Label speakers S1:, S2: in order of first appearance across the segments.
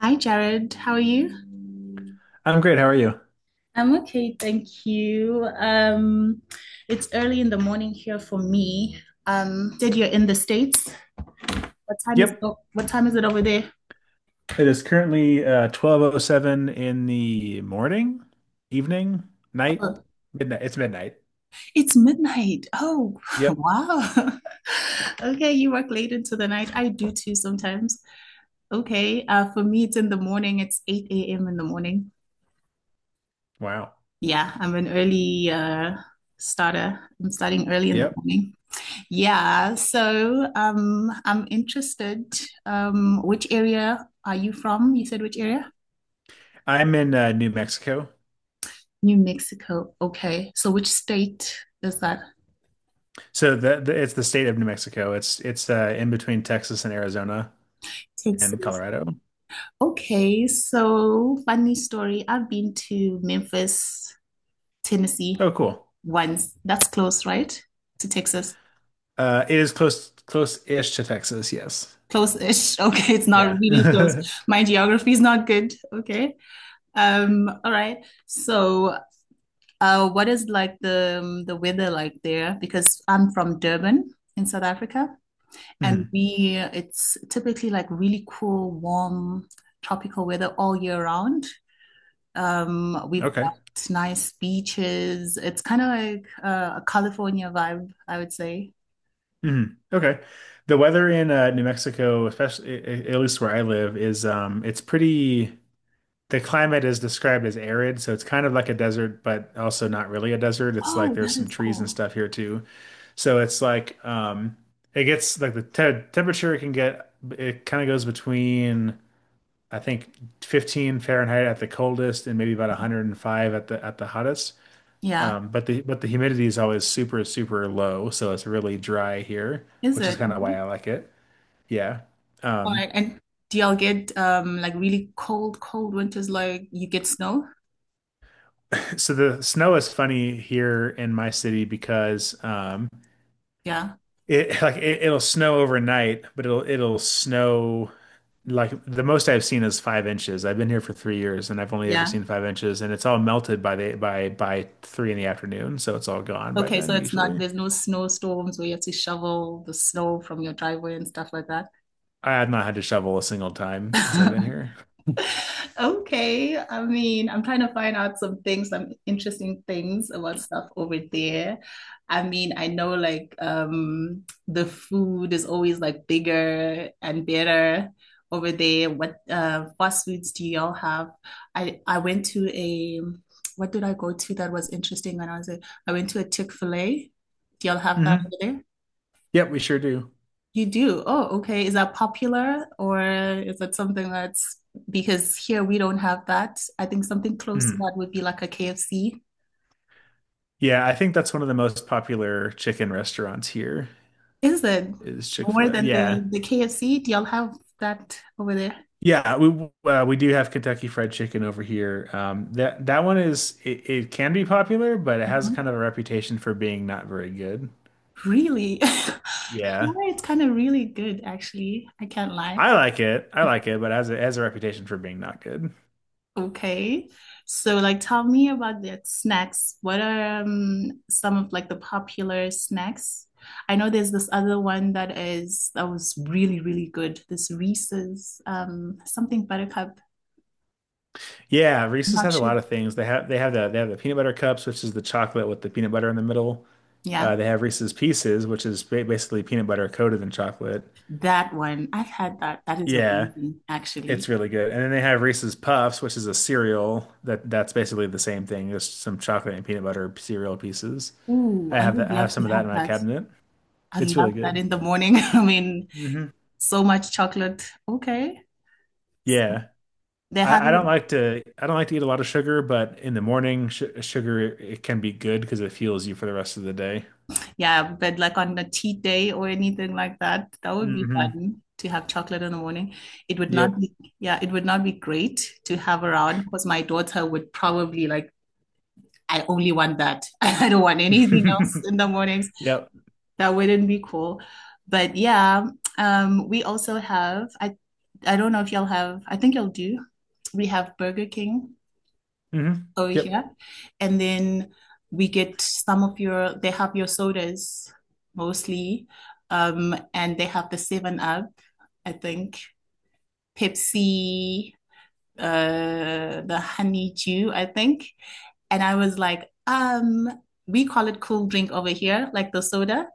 S1: Hi, Jared. How are you?
S2: I'm great. How are you?
S1: I'm okay, thank you. It's early in the morning here for me. Said you're in the States.
S2: Yep.
S1: What time is it over there?
S2: It is currently 12:07 in the morning, evening, night,
S1: Oh,
S2: midnight. It's midnight.
S1: it's midnight. Oh,
S2: Yep.
S1: wow. Okay, you work late into the night. I do too sometimes. Okay, for me, it's in the morning. It's 8 a.m. in the morning.
S2: Wow.
S1: Yeah, I'm an early starter. I'm starting early in the
S2: Yep.
S1: morning. Yeah, so I'm interested. Which area are you from? You said which area?
S2: I'm in New Mexico.
S1: New Mexico. Okay, so which state is that?
S2: So the it's the state of New Mexico. It's in between Texas and Arizona and
S1: Texas.
S2: Colorado.
S1: Okay, so funny story. I've been to Memphis, Tennessee
S2: Oh, cool.
S1: once. That's close, right? To Texas.
S2: It is close-ish to Texas, yes.
S1: Close-ish. Okay, it's not
S2: Yeah.
S1: really close. My geography is not good. Okay. All right. What is like the weather like there? Because I'm from Durban in South Africa, and
S2: Mhm.
S1: we it's typically like really cool, warm, tropical weather all year round. We've
S2: Okay.
S1: got nice beaches. It's kind of like a California vibe, I would say.
S2: Mhm. Okay. The weather in New Mexico, especially at least where I live, is it's pretty. The climate is described as arid, so it's kind of like a desert, but also not really a desert. It's like
S1: Oh,
S2: there's
S1: that
S2: some
S1: is
S2: trees and
S1: cool.
S2: stuff here too. So it's like it gets like the te temperature can get. It kind of goes between, I think, 15 Fahrenheit at the coldest and maybe about 105 at the hottest.
S1: Yeah,
S2: But the humidity is always super low, so it's really dry here,
S1: is
S2: which is
S1: it?
S2: kind of why
S1: Okay.
S2: I like it. Yeah.
S1: All
S2: Um,
S1: right. And do y'all get like really cold, cold winters like you get snow?
S2: so the snow is funny here in my city because
S1: Yeah.
S2: it like it'll snow overnight, but it'll snow like the most I've seen is 5 inches. I've been here for 3 years and I've only ever
S1: Yeah.
S2: seen 5 inches, and it's all melted by the by three in the afternoon, so it's all gone by
S1: Okay, so
S2: then
S1: it's not
S2: usually.
S1: there's no snowstorms where you have to shovel the snow from your driveway and stuff like that.
S2: I have not had to shovel a single time since I've been here.
S1: Okay. I mean, I'm trying to find out some things, some interesting things about stuff over there. I mean, I know like the food is always like bigger and better over there. What fast foods do y'all have? I went to a what did I go to that was interesting when I was there? I went to a Chick-fil-A. Do y'all have that
S2: Hmm.
S1: over there?
S2: Yep, we sure do.
S1: You do? Oh, okay. Is that popular or is that something that's because here we don't have that? I think something close to
S2: Mhm.
S1: that would be like a KFC.
S2: Yeah, I think that's one of the most popular chicken restaurants here
S1: Is it
S2: is
S1: more
S2: Chick-fil-A.
S1: than
S2: Yeah.
S1: the KFC? Do y'all have that over there?
S2: Yeah, we do have Kentucky Fried Chicken over here. That one is it can be popular, but it has kind
S1: Mhm.
S2: of a reputation for being not very good.
S1: Really?
S2: Yeah,
S1: Yeah, it's kind of really good actually. I can't lie.
S2: I like it. I like it, but it has it has a reputation for being not good.
S1: Okay. So like tell me about the snacks. What are some of like the popular snacks? I know there's this other one that was really, really good. This Reese's something buttercup.
S2: Yeah,
S1: I'm
S2: Reese's
S1: not
S2: has a
S1: sure.
S2: lot of things. They have the peanut butter cups, which is the chocolate with the peanut butter in the middle.
S1: Yeah,
S2: They have Reese's Pieces, which is basically peanut butter coated in chocolate.
S1: that one. I've had that. That is
S2: Yeah,
S1: amazing,
S2: it's
S1: actually.
S2: really good. And then they have Reese's Puffs, which is a cereal that that's basically the same thing, just some chocolate and peanut butter cereal pieces.
S1: Ooh,
S2: I
S1: I
S2: have
S1: would
S2: that. I have
S1: love to
S2: some of that in
S1: have
S2: my
S1: that.
S2: cabinet.
S1: I
S2: It's really
S1: love that
S2: good.
S1: in the morning. I mean,
S2: Hmm.
S1: so much chocolate. Okay.
S2: Yeah.
S1: They have
S2: I don't
S1: it.
S2: like to. I don't like to eat a lot of sugar, but in the morning sh sugar it can be good because it fuels you for the rest of the day.
S1: Yeah, but like on a cheat day or anything like that, that would be
S2: Hmm.
S1: fun to have chocolate in the morning. It would not
S2: Yep.
S1: be, yeah, it would not be great to have around because my daughter would probably like, I only want that. I don't want anything else in the mornings.
S2: Yep.
S1: That wouldn't be cool. But yeah, we also have, I don't know if y'all have, I think y'all do. We have Burger King
S2: Hmm.
S1: over
S2: Yep.
S1: here. And then we get some of your, they have your sodas mostly. And they have the 7 Up, I think, Pepsi, the honey dew, I think. And I was like, we call it cool drink over here, like the soda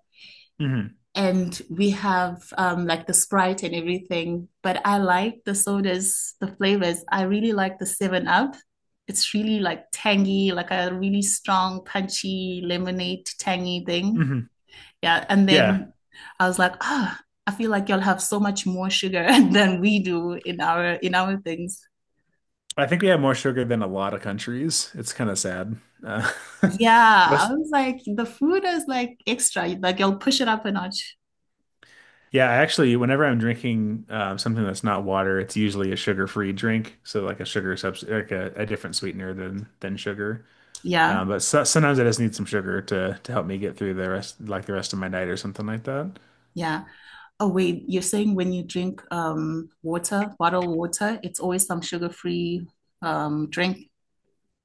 S2: Hmm.
S1: and we have like the Sprite and everything. But I like the sodas, the flavors. I really like the Seven Up. It's really like tangy, like a really strong, punchy lemonade, tangy thing.
S2: Hmm.
S1: Yeah, and
S2: Yeah.
S1: then I was like, ah, oh, I feel like y'all have so much more sugar than we do in our things.
S2: I think we have more sugar than a lot of countries. It's kind of sad. Uh,
S1: Yeah, I
S2: most.
S1: was like, the food is like extra. Like y'all push it up a notch.
S2: Yeah, I actually, whenever I'm drinking something that's not water, it's usually a sugar-free drink. So like a sugar substitute, like a different sweetener than sugar.
S1: Yeah.
S2: But so, sometimes I just need some sugar to help me get through the rest of my night or something like that.
S1: Yeah. Oh, wait, you're saying when you drink water, bottled water, it's always some sugar-free drink.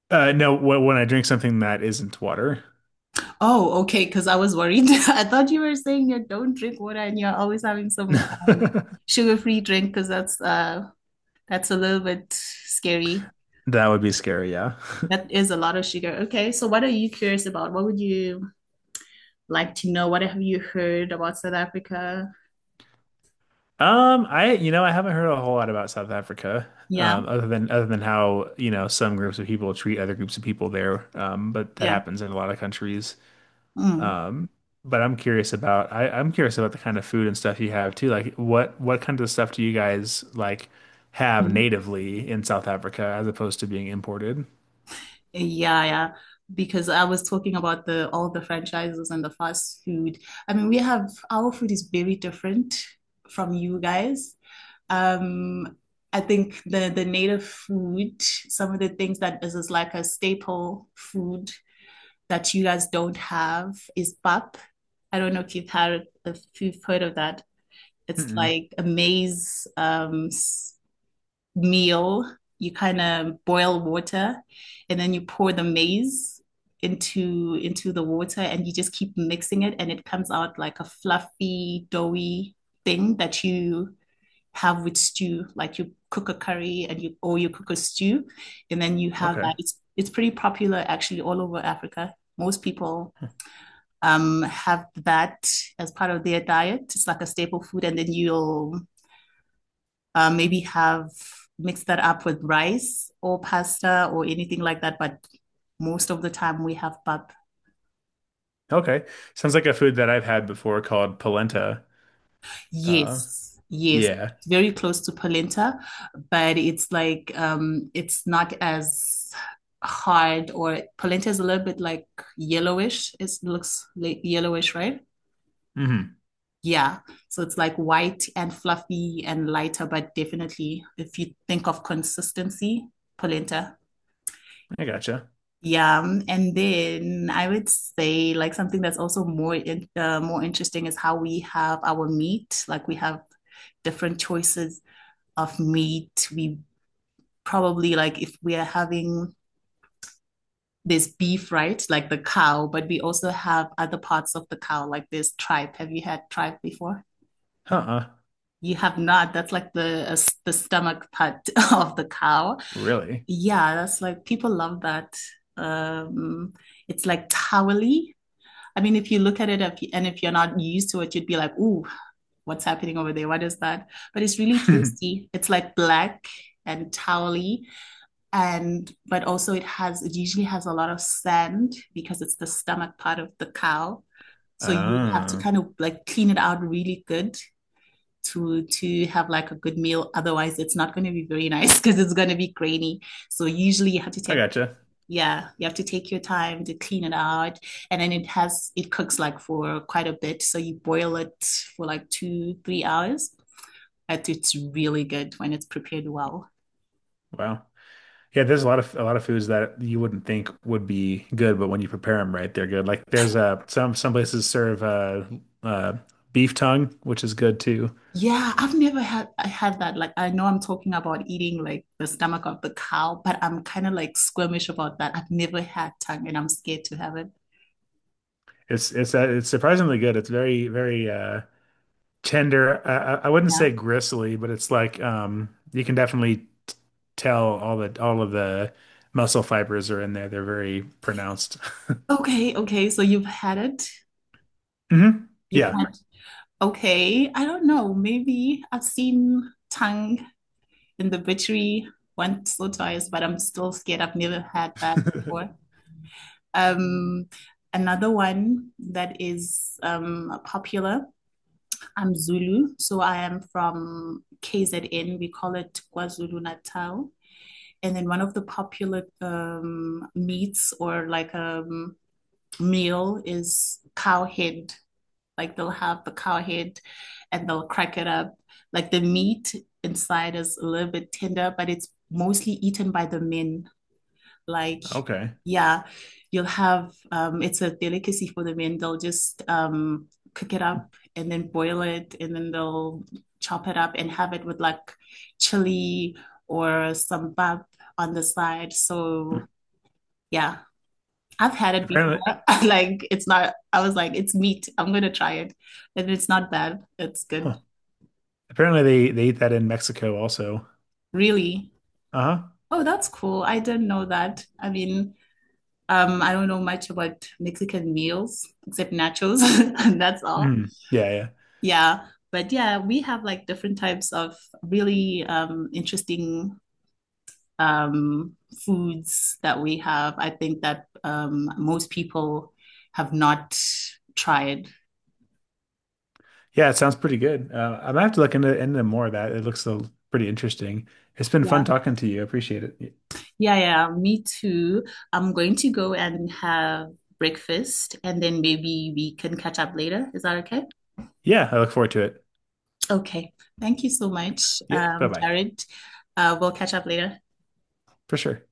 S2: No, when I drink something that isn't water.
S1: Oh, okay, because I was worried. I thought you were saying you don't drink water and you're always having some
S2: That
S1: sugar-free drink because that's a little bit scary.
S2: would be scary. Yeah.
S1: That is a lot of sugar. Okay, so what are you curious about? What would you like to know? What have you heard about South Africa?
S2: You know, I haven't heard a whole lot about South Africa,
S1: Yeah,
S2: other than how, you know, some groups of people treat other groups of people there. But that
S1: yeah.
S2: happens in a lot of countries.
S1: Mm.
S2: Um, but I'm curious about. I'm curious about the kind of food and stuff you have too. Like what kind of stuff do you guys like have
S1: Mm-hmm.
S2: natively in South Africa as opposed to being imported?
S1: Yeah, yeah. Because I was talking about the all the franchises and the fast food. I mean, we have our food is very different from you guys. Um, I think the native food, some of the things is like a staple food that you guys don't have is pap. I don't know if you've had if you've heard of that. It's
S2: Mm-mm.
S1: like a maize meal, you kind of boil water and then you pour the maize into the water and you just keep mixing it and it comes out like a fluffy, doughy thing that you have with stew. Like you cook a curry and you or you cook a stew and then you have
S2: Okay.
S1: that. It's pretty popular actually all over Africa. Most people have that as part of their diet. It's like a staple food, and then you'll maybe have mixed that up with rice or pasta or anything like that. But most of the time we have pap.
S2: Okay. Sounds like a food that I've had before called polenta. Uh,
S1: Yes, yes.
S2: yeah.
S1: It's very close to polenta, but it's like it's not as hard or polenta is a little bit like yellowish. It looks like yellowish, right?
S2: Hmm.
S1: Yeah. So it's like white and fluffy and lighter, but definitely if you think of consistency, polenta.
S2: I gotcha.
S1: Yeah, and then I would say like something that's also more in, more interesting is how we have our meat. Like we have different choices of meat. We probably like if we are having this beef, right? Like the cow, but we also have other parts of the cow, like this tripe. Have you had tripe before?
S2: Huh.
S1: You have not. That's like the the stomach part of the cow.
S2: Really?
S1: Yeah, that's like people love that. Um, it's like towely. I mean, if you look at it if, you, and if you're not used to it, you'd be like, ooh, what's happening over there? What is that? But it's really tasty. It's like black and towely and but also it usually has a lot of sand because it's the stomach part of the cow, so you have to
S2: Oh,
S1: kind of like clean it out really good to have like a good meal, otherwise it's not going to be very nice because it's going to be grainy. So usually you have to
S2: I
S1: take
S2: gotcha.
S1: yeah you have to take your time to clean it out, and then it cooks like for quite a bit, so you boil it for like 2 3 hours, but it's really good when it's prepared well.
S2: Wow. Yeah, there's a lot of foods that you wouldn't think would be good, but when you prepare them right, they're good. Like there's some places serve uh beef tongue, which is good too.
S1: Yeah, I've never had I had that. Like I know I'm talking about eating like the stomach of the cow, but I'm kind of like squeamish about that. I've never had tongue and I'm scared to have it.
S2: It's it's surprisingly good. It's very tender. I wouldn't say
S1: Yeah,
S2: gristly, but it's like you can definitely tell all of the muscle fibers are in there. They're very pronounced.
S1: okay, okay, so you've had it
S2: Hmm.
S1: you've
S2: Yeah.
S1: had. Okay, I don't know, maybe I've seen tongue in the butchery once or twice, but I'm still scared. I've never had that before. Um, Another one that is popular, I'm Zulu. So I am from KZN. We call it KwaZulu Natal. And then one of the popular meats or like a meal is cow head. Like they'll have the cow head and they'll crack it up. Like the meat inside is a little bit tender, but it's mostly eaten by the men. Like,
S2: Okay.
S1: yeah, you'll have it's a delicacy for the men. They'll just cook it up and then boil it and then they'll chop it up and have it with like chili or some bab on the side.
S2: Hmm.
S1: So yeah, I've had it before.
S2: Apparently,
S1: Like it's not, I was like, it's meat. I'm gonna try it. And it's not bad. It's good.
S2: huh. Apparently they eat that in Mexico also.
S1: Really?
S2: Uh-huh.
S1: Oh, that's cool. I didn't know that. I mean, I don't know much about Mexican meals except nachos, and that's all.
S2: Mm. Yeah, yeah.
S1: Yeah. But yeah, we have like different types of really interesting um foods that we have. I think that most people have not tried.
S2: Yeah, it sounds pretty good. I'm gonna have to look into more of that. It looks so pretty interesting. It's been fun
S1: Yeah.
S2: talking to you. I appreciate it.
S1: Yeah, yeah, me too. I'm going to go and have breakfast, and then maybe we can catch up later. Is that okay?
S2: Yeah, I look forward to it.
S1: Okay. Thank you so
S2: Thanks.
S1: much,
S2: Yeah, bye-bye.
S1: Jared. We'll catch up later.
S2: For sure.